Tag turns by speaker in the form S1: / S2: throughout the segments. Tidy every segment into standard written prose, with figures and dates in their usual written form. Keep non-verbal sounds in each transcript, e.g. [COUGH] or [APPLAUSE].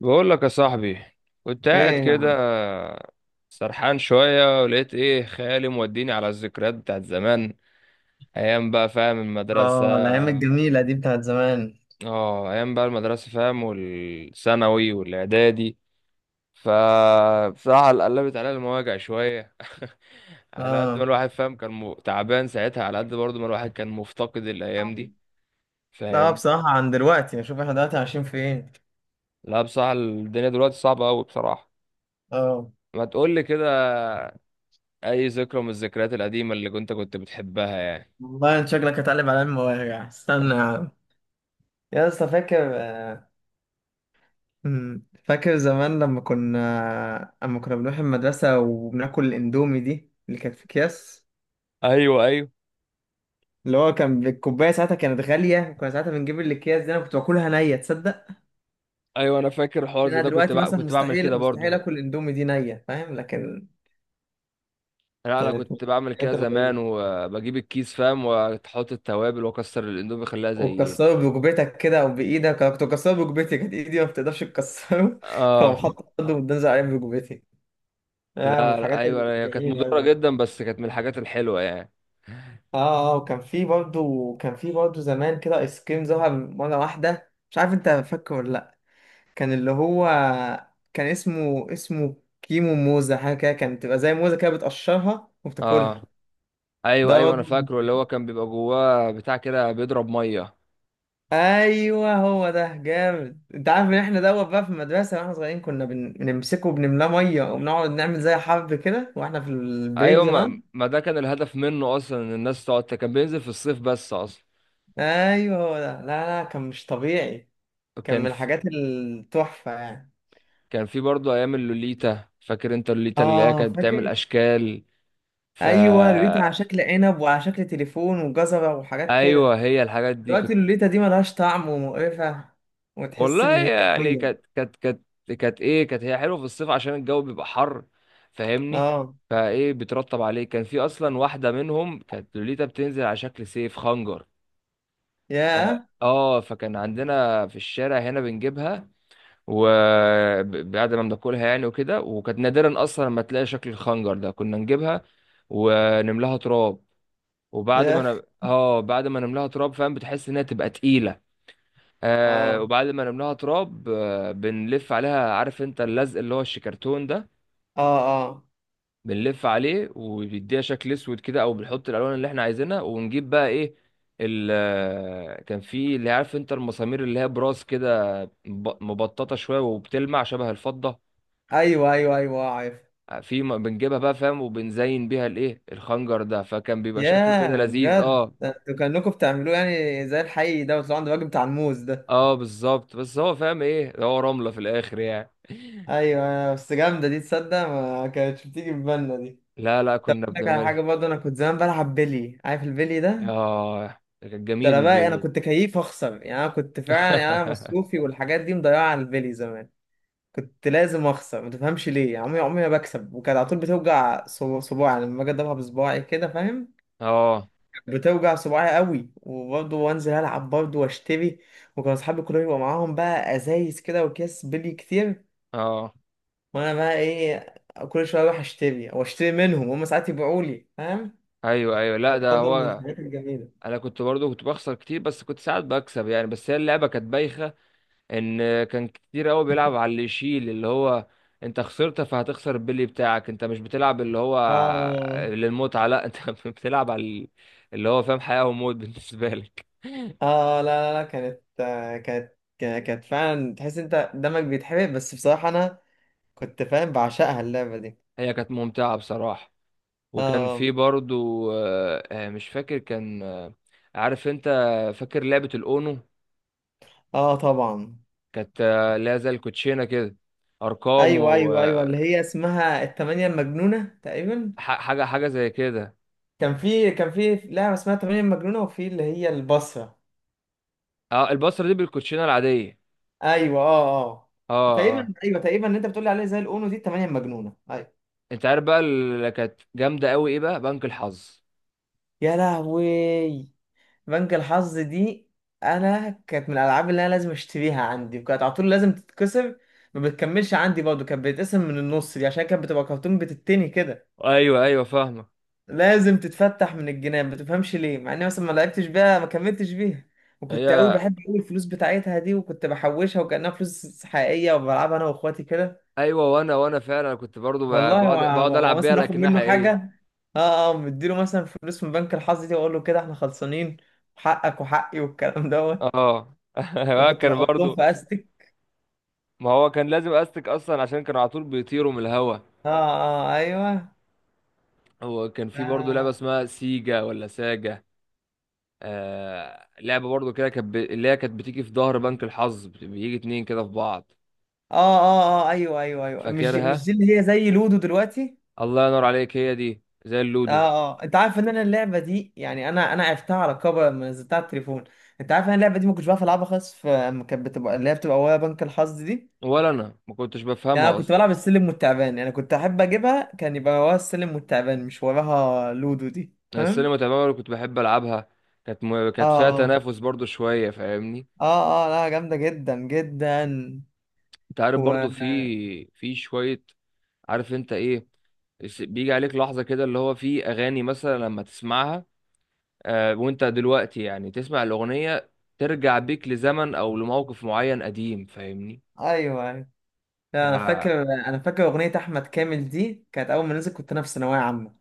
S1: بقول لك يا صاحبي، كنت قاعد
S2: ايه يا
S1: كده
S2: عم.
S1: سرحان شوية ولقيت ايه، خيالي موديني على الذكريات بتاعت زمان. ايام بقى فاهم، المدرسة.
S2: اه، الايام الجميله دي بتاعت زمان.
S1: اه، ايام بقى المدرسة فاهم، والثانوي والاعدادي. فبصراحة قلبت عليا المواجع شوية. [LAUGHS] على قد ما
S2: اه.
S1: الواحد فاهم كان تعبان ساعتها، على قد برضه ما الواحد كان مفتقد الايام دي
S2: لا،
S1: فاهم.
S2: بصراحه عن دلوقتي اشوف احنا دلوقتي عايشين فين؟
S1: لا بصراحة الدنيا دلوقتي صعبة قوي بصراحة.
S2: اه،
S1: ما تقول لي كده، اي ذكرى من الذكريات القديمه اللي كنت بتحبها يعني.
S2: والله انت شكلك هتقلب على المواجع، استنى يا عم، يا اسطى. فاكر، فاكر زمان لما كنا بنروح المدرسه وبناكل الاندومي دي اللي كانت في اكياس.
S1: ايوه، ايوه،
S2: اللي هو كان الكوبايه ساعتها كانت غاليه، وكنا ساعتها بنجيب الاكياس دي، انا كنت باكلها نيه، تصدق؟
S1: ايوه انا فاكر الحوار
S2: إن
S1: زي
S2: انا
S1: ده،
S2: دلوقتي مثلا
S1: كنت بعمل كده
S2: مستحيل
S1: برضو.
S2: مستحيل اكل الاندومي دي نيه، فاهم؟ لكن
S1: لا انا
S2: كانت من
S1: كنت بعمل كده
S2: الحاجات
S1: زمان،
S2: الغريبة.
S1: وبجيب الكيس فاهم، واحط التوابل واكسر الاندومي اخليها زي
S2: وتكسره بركبتك كده او بايدك، انا كنت بكسره بركبتي، كانت ايدي ما بتقدرش تكسره [LAUGHS]
S1: اه.
S2: فقوم حاطط قدم وتنزل عليه بركبتي. آه، من
S1: لا لا،
S2: الحاجات
S1: ايوه هي كانت
S2: الجميله
S1: مضره
S2: قوي.
S1: جدا، بس كانت من الحاجات الحلوه يعني.
S2: اه اه، وكان في برضه زمان كده ايس كريم ظهر مره واحده، مش عارف انت فاكره ولا لا. كان اللي هو، كان اسمه كيمو موزه، حاجه كده كانت تبقى زي موزه كده بتقشرها
S1: اه
S2: وبتاكلها.
S1: ايوه،
S2: ده
S1: ايوه انا
S2: برضه،
S1: فاكره، اللي هو كان بيبقى جواه بتاع كده بيضرب ميه.
S2: ايوه هو ده جامد. انت عارف ان احنا دوت بقى في المدرسه واحنا صغيرين كنا بنمسكه وبنملاه ميه وبنقعد نعمل زي حرب كده واحنا في البريك
S1: ايوه
S2: زمان.
S1: ما ده كان الهدف منه اصلا، ان الناس تقعد، كان بينزل في الصيف بس اصلا.
S2: ايوه هو ده، لا لا، كان مش طبيعي، كان
S1: كان
S2: من
S1: في،
S2: الحاجات التحفه يعني.
S1: كان في برضه ايام اللوليتا، فاكر انت اللوليتا اللي هي
S2: اه،
S1: كانت بتعمل
S2: فاكر.
S1: اشكال؟ ف
S2: ايوه، لوليتا على شكل عنب وعلى شكل تليفون وجزره وحاجات
S1: ايوه
S2: كده.
S1: هي الحاجات دي
S2: دلوقتي
S1: كنت.
S2: اللوليتا دي ملهاش طعم ومقرفه، وتحس ان
S1: والله
S2: هي
S1: يعني
S2: ميه.
S1: كانت كانت ايه، كانت هي حلوه في الصيف عشان الجو بيبقى حر فاهمني.
S2: اه،
S1: فايه بترطب عليه، كان في اصلا واحده منهم كانت لوليتا بتنزل على شكل سيف خنجر. اه
S2: ياه
S1: فكان عندنا في الشارع هنا بنجيبها، وبعد ما بناكلها يعني وكده، وكانت نادرا اصلا لما تلاقي شكل الخنجر ده كنا نجيبها ونملاها تراب. وبعد ما
S2: ياه،
S1: انا اه بعد ما نملاها تراب فاهم بتحس انها تبقى تقيله. آه،
S2: اه
S1: وبعد ما نملاها تراب آه، بنلف عليها، عارف انت اللزق اللي هو الشيكرتون ده؟
S2: اه اه،
S1: بنلف عليه وبيديها شكل اسود كده، او بنحط الالوان اللي احنا عايزينها، ونجيب بقى ايه، ال آه، كان في، اللي عارف انت المسامير اللي هي براس كده مبططه شويه وبتلمع شبه الفضه.
S2: ايوه ايوه ايوه، آه، عارف.
S1: بنجيبها بقى فاهم، وبنزين بيها الايه، الخنجر ده، فكان بيبقى شكله كده
S2: ياه
S1: لذيذ
S2: بجد،
S1: اه.
S2: ده انتوا كأنكم بتعملوه يعني زي الحي ده، وتطلعوا عند الراجل بتاع الموز ده.
S1: اه بالظبط، بس هو فاهم ايه ده، هو رملة في الاخر يعني.
S2: ايوه أيوه، بس جامده دي، تصدق ما كانتش بتيجي في بالنا دي.
S1: لا لا
S2: طب اقول
S1: كنا
S2: لك على حاجه
S1: بنعملها.
S2: برضه، انا كنت زمان بلعب بلي، عارف البلي ده.
S1: اه، ده كان
S2: ده
S1: جميل
S2: انا بقى
S1: البيت.
S2: كنت كيف اخسر يعني، انا كنت فعلا يعني انا
S1: [LAUGHS]
S2: مصروفي والحاجات دي مضيعه على البلي زمان. كنت لازم اخسر، ما تفهمش ليه، يعني عمري عمري ما بكسب. وكانت على طول بتوجع صباعي، يعني لما باجي اضربها بصباعي كده، فاهم.
S1: اه،
S2: بتوجع صباعي قوي، وبرضه وانزل العب برضه واشتري. وكان اصحابي كلهم يبقى معاهم بقى ازايز كده واكياس بلي كتير،
S1: اه،
S2: وانا بقى ايه؟ كل شويه اروح اشتري او اشتري منهم، هم ساعات يبيعوا لي، فاهم.
S1: ايوه، ايوه لا ده
S2: برضه من
S1: هو.
S2: الحاجات الجميله.
S1: انا كنت برضو كنت بخسر كتير، بس كنت ساعات بكسب يعني، بس هي اللعبة كانت بايخة. ان كان كتير قوي بيلعب على اللي يشيل اللي هو، انت خسرت فهتخسر البلي بتاعك، انت مش بتلعب اللي هو
S2: اه
S1: للمتعة، لا انت [LAUGHS] بتلعب على اللي هو فاهم حياة وموت بالنسبة لك. [LAUGHS]
S2: اه، لا لا لا، كانت آه، كانت كا- كانت فعلا تحس انت دمك بيتحرق، بس بصراحه انا كنت فاهم بعشقها اللعبه دي.
S1: هي كانت ممتعة بصراحة. وكان
S2: اه
S1: في برضو مش فاكر كان عارف انت، فاكر لعبة الأونو؟
S2: اه طبعا.
S1: كانت اللي هي زي الكوتشينة كده، أرقام
S2: ايوه ايوه ايوه، اللي
S1: وحاجة،
S2: هي اسمها التمانية المجنونه تقريبا.
S1: حاجة حاجة زي كده.
S2: كان في لعبة اسمها 8 مجنونة، وفي اللي هي البصرة.
S1: اه البصرة دي بالكوتشينة العادية.
S2: ايوه اه اه آه.
S1: اه اه،
S2: تقريبا ايوه تقريبا اللي انت بتقول عليه زي الاونو دي، 8 مجنونة، ايوه.
S1: انت عارف بقى اللي كانت جامدة قوي ايه بقى؟ بنك الحظ.
S2: يا لهوي. بنك الحظ دي انا كانت من الالعاب اللي انا لازم اشتريها عندي، وكانت على طول لازم تتكسر. ما بتكملش عندي برضه، كانت بتتقسم من النص دي عشان كانت بتبقى كرتون بتتني كده.
S1: ايوه، ايوه فاهمة.
S2: لازم تتفتح من الجنان، ما تفهمش ليه، مع اني مثلا ما لعبتش بيها ما كملتش بيها. وكنت قوي
S1: هي
S2: بحب قوي الفلوس بتاعتها دي، وكنت بحوشها وكأنها فلوس حقيقية وبلعبها انا واخواتي كده.
S1: ايوه، وانا فعلا كنت برضو
S2: والله،
S1: بقعد، بقعد العب بيها
S2: ومثلا اخد
S1: لكنها
S2: منه
S1: حقيقية.
S2: حاجة. اه اه، مديله مثلا فلوس من بنك الحظ دي، واقول له كده احنا خلصانين، حقك وحقي والكلام دوت.
S1: اه، [LAUGHS]
S2: وكنت
S1: كان
S2: بحطهم
S1: برضو،
S2: في استك.
S1: ما هو كان لازم استك اصلا عشان كانوا على طول بيطيروا من الهوا.
S2: اه اه ايوه.
S1: هو كان في برضه لعبة
S2: اه
S1: اسمها سيجا ولا ساجا، آه لعبة برضه كده كانت اللي هي كانت بتيجي في ظهر بنك الحظ بيجي اتنين كده في بعض،
S2: اه اه آه، ايوه ايوه ايوه، مش دي مش
S1: فاكرها؟
S2: دي اللي هي زي لودو دلوقتي.
S1: الله ينور عليك، هي دي زي
S2: اه
S1: اللودو.
S2: اه، انت عارف ان انا اللعبه دي يعني، انا عرفتها على كبر لما نزلتها على التليفون. انت عارف ان انا اللعبه دي ما كنتش بعرف العبها خالص، في اما كانت بتبقى اللي هي بتبقى ويا بنك الحظ دي.
S1: ولا انا ما كنتش
S2: يعني انا
S1: بفهمها
S2: كنت
S1: اصلا.
S2: بلعب السلم والتعبان، يعني كنت احب اجيبها كان يبقى وراها السلم والتعبان، مش وراها لودو دي،
S1: أنا
S2: فاهم.
S1: السينما تماما اللي كنت بحب العبها،
S2: اه
S1: كانت فيها
S2: اه
S1: تنافس برضه شوية فاهمني.
S2: اه اه، لا، جامده جدا جدا.
S1: انت عارف
S2: و،
S1: برضه في، في شوية، عارف انت ايه، بيجي عليك لحظة كده، اللي هو في اغاني مثلا لما تسمعها وانت دلوقتي يعني تسمع الأغنية، ترجع بيك لزمن أو لموقف معين قديم فاهمني.
S2: ايوه ايوه. لا،
S1: يا
S2: انا فاكر اغنيه احمد كامل دي كانت اول ما نزلت، كنت انا في ثانويه عامه.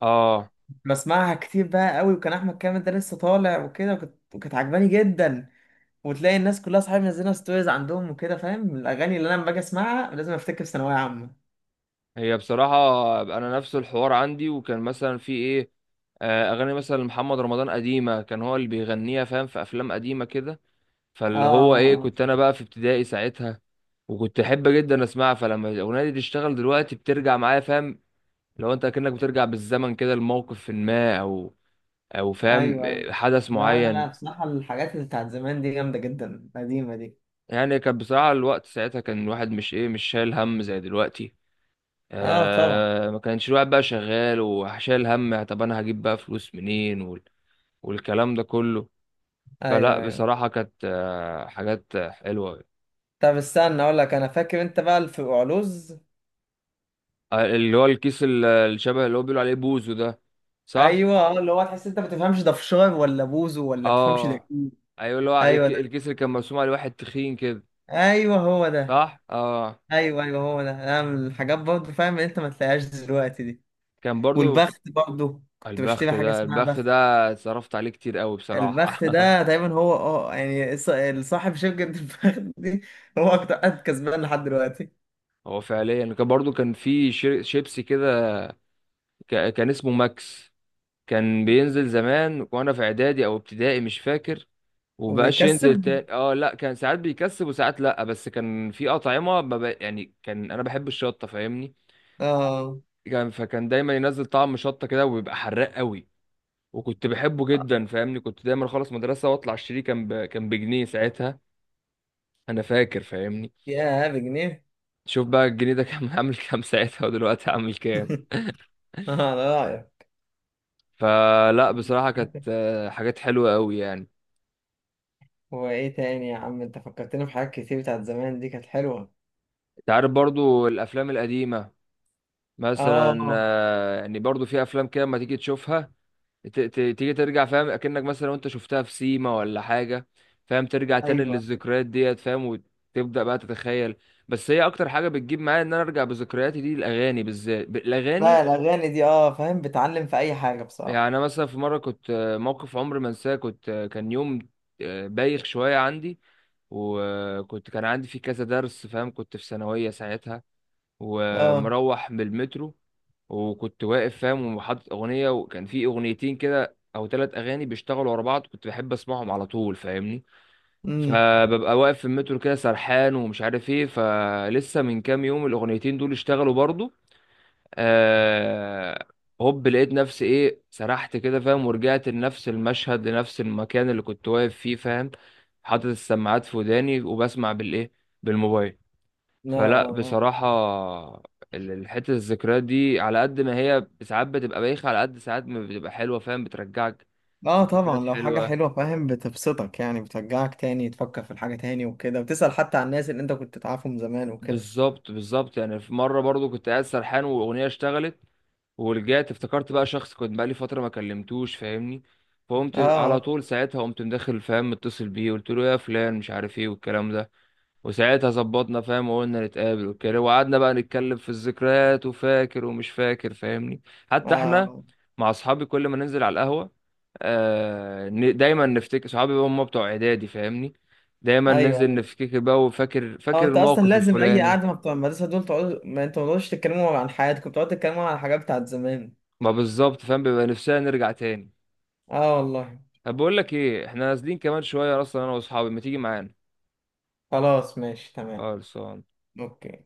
S1: اه
S2: بسمعها كتير بقى قوي، وكان احمد كامل ده لسه طالع وكده، وكانت عجباني جدا. وتلاقي الناس كلها صحابي منزلها ستوريز عندهم وكده، فاهم الاغاني اللي انا لما باجي اسمعها لازم افتكر ثانويه عامه.
S1: هي بصراحة أنا نفس الحوار عندي، وكان مثلا في إيه، أغاني مثلا محمد رمضان قديمة، كان هو اللي بيغنيها فاهم، في أفلام قديمة كده. فاللي هو إيه،
S2: اه
S1: كنت أنا بقى في ابتدائي ساعتها، وكنت أحب جدا أسمعها، فلما الأغنية دي تشتغل دلوقتي بترجع معايا فاهم. لو أنت كأنك بترجع بالزمن كده لموقف ما، أو فاهم
S2: ايوه ايوه،
S1: حدث
S2: لا لا لا،
S1: معين.
S2: بصراحه الحاجات اللي بتاعت زمان دي جامده جدا القديمه دي.
S1: يعني كان بصراحة الوقت ساعتها كان الواحد مش ايه، مش شايل هم زي دلوقتي.
S2: اه طبعا،
S1: آه، ما كانش الواحد بقى شغال وشايل هم، يعني طب انا هجيب بقى فلوس منين والكلام ده كله. فلا
S2: ايوه ايوه.
S1: بصراحة كانت آه حاجات حلوة.
S2: طب استنى اقول لك، انا فاكر انت بقى في علوز.
S1: آه اللي هو الكيس الشبه اللي هو بيقولوا عليه بوزو ده، صح؟
S2: ايوه اه، اللي هو تحس انت ما بتفهمش ده فشار ولا بوزو ولا بتفهمش ده
S1: اه
S2: ايه.
S1: ايوه، اللي هو
S2: ايوه ده،
S1: الكيس اللي كان مرسوم عليه واحد تخين كده،
S2: ايوه هو ده،
S1: صح؟ اه.
S2: ايوه ايوه هو ده، انا من الحاجات برضه فاهم انت ما تلاقيهاش دلوقتي دي.
S1: كان برضو في
S2: والبخت برضه كنت بشتري
S1: البخت
S2: حاجه
S1: ده،
S2: اسمها
S1: البخت
S2: بخت.
S1: ده صرفت عليه كتير قوي
S2: البخت
S1: بصراحة.
S2: ده
S1: [LAUGHS]
S2: دايما هو، يعني، صاحب شركه [LAUGHS] البخت دي هو اكتر قد كسبان لحد دلوقتي.
S1: هو فعليا كان برضو كان في شيبسي كده، كان اسمه ماكس. كان بينزل زمان وانا في اعدادي او ابتدائي مش فاكر، وبقاش
S2: وبيكسب.
S1: ينزل تاني اه. لا كان ساعات بيكسب وساعات لا، بس كان في اطعمه ما بق- يعني كان انا بحب الشطه فاهمني،
S2: اه
S1: كان فكان دايما ينزل طعم شطه كده وبيبقى حراق قوي، وكنت بحبه جدا فاهمني، كنت دايما اخلص مدرسه واطلع اشتريه، كان بجنيه ساعتها انا فاكر فاهمني.
S2: يا بجنيه
S1: شوف بقى الجنيه ده كان [LAUGHS] عامل كام ساعتها ودلوقتي عامل كام.
S2: [LAUGHS] اه ده رايك.
S1: فلا بصراحة كانت حاجات حلوة قوي يعني.
S2: وايه تاني يا عم، انت فكرتني بحاجات كتير بتاعت زمان دي كانت حلوه.
S1: انت عارف برضو الافلام القديمة مثلا،
S2: اه
S1: يعني برضو في افلام كده لما تيجي تشوفها، تيجي ترجع فاهم اكنك مثلا وانت شفتها في سيما ولا حاجة فاهم، ترجع تاني
S2: ايوه.
S1: للذكريات ديت فاهم، وتبدأ بقى تتخيل. بس هي اكتر حاجة بتجيب معايا ان انا ارجع بذكرياتي دي الاغاني، بالذات الاغاني.
S2: لا، الاغاني دي اه فاهم بتعلم في اي حاجه
S1: يعني
S2: بصراحه.
S1: انا مثلا في مره كنت موقف عمري ما انساه، كنت كان يوم بايخ شويه عندي، وكنت كان عندي فيه كذا درس فاهم، كنت في ثانويه ساعتها،
S2: اه،
S1: ومروح بالمترو، وكنت واقف فاهم وحاطط اغنيه، وكان في اغنيتين كده او ثلاث اغاني بيشتغلوا ورا بعض كنت بحب اسمعهم على طول فاهمني.
S2: امم
S1: فببقى واقف في المترو كده سرحان ومش عارف ايه، فلسه من كام يوم الاغنيتين دول اشتغلوا برضو. آه، هوب لقيت نفسي ايه، سرحت كده فاهم، ورجعت لنفس المشهد، لنفس المكان اللي كنت واقف فيه فاهم، حاطط السماعات في وداني وبسمع بالايه، بالموبايل.
S2: لا
S1: فلا
S2: اه
S1: بصراحة الحتة الذكريات دي على قد ما هي ساعات بتبقى بايخة، على قد ساعات ما بتبقى حلوة فاهم، بترجعك
S2: اه آه، طبعا،
S1: ذكريات
S2: لو حاجة
S1: حلوة.
S2: حلوة فاهم بتبسطك، يعني بترجعك تاني تفكر في الحاجة تاني وكده، وتسأل حتى عن الناس اللي انت كنت تعرفهم زمان وكده.
S1: بالظبط، بالظبط. يعني في مرة برضو كنت قاعد سرحان وأغنية اشتغلت، ورجعت افتكرت بقى شخص كنت بقالي فترة ما كلمتوش فاهمني، فقمت على
S2: اه
S1: طول ساعتها، قمت مدخل فاهم متصل بيه، قلت له يا فلان مش عارف ايه والكلام ده. وساعتها ظبطنا فاهم، وقلنا نتقابل وكده، وقعدنا بقى نتكلم في الذكريات، وفاكر ومش فاكر فاهمني.
S2: اه
S1: حتى احنا
S2: آه.
S1: مع اصحابي كل ما ننزل على القهوة، آه دايما نفتكر صحابي بقى هم بتوع اعدادي فاهمني، دايما
S2: ايوه
S1: ننزل
S2: أيوة.
S1: نفتكر بقى، وفاكر،
S2: اه،
S1: فاكر
S2: انت اصلا
S1: الموقف
S2: لازم اي
S1: الفلاني.
S2: قعدة ما بتوع المدرسة دول تقعدوا، ما انتوا ما تقعدوش تتكلموا عن حياتكم، بتقعدوا تتكلموا عن الحاجات بتاعت زمان.
S1: ما بالظبط فاهم، بيبقى نفسنا نرجع تاني.
S2: اه والله.
S1: طب بقول لك ايه، احنا نازلين كمان شويه اصلا انا واصحابي، ما تيجي معانا؟
S2: خلاص، ماشي تمام.
S1: خالص.
S2: اوكي.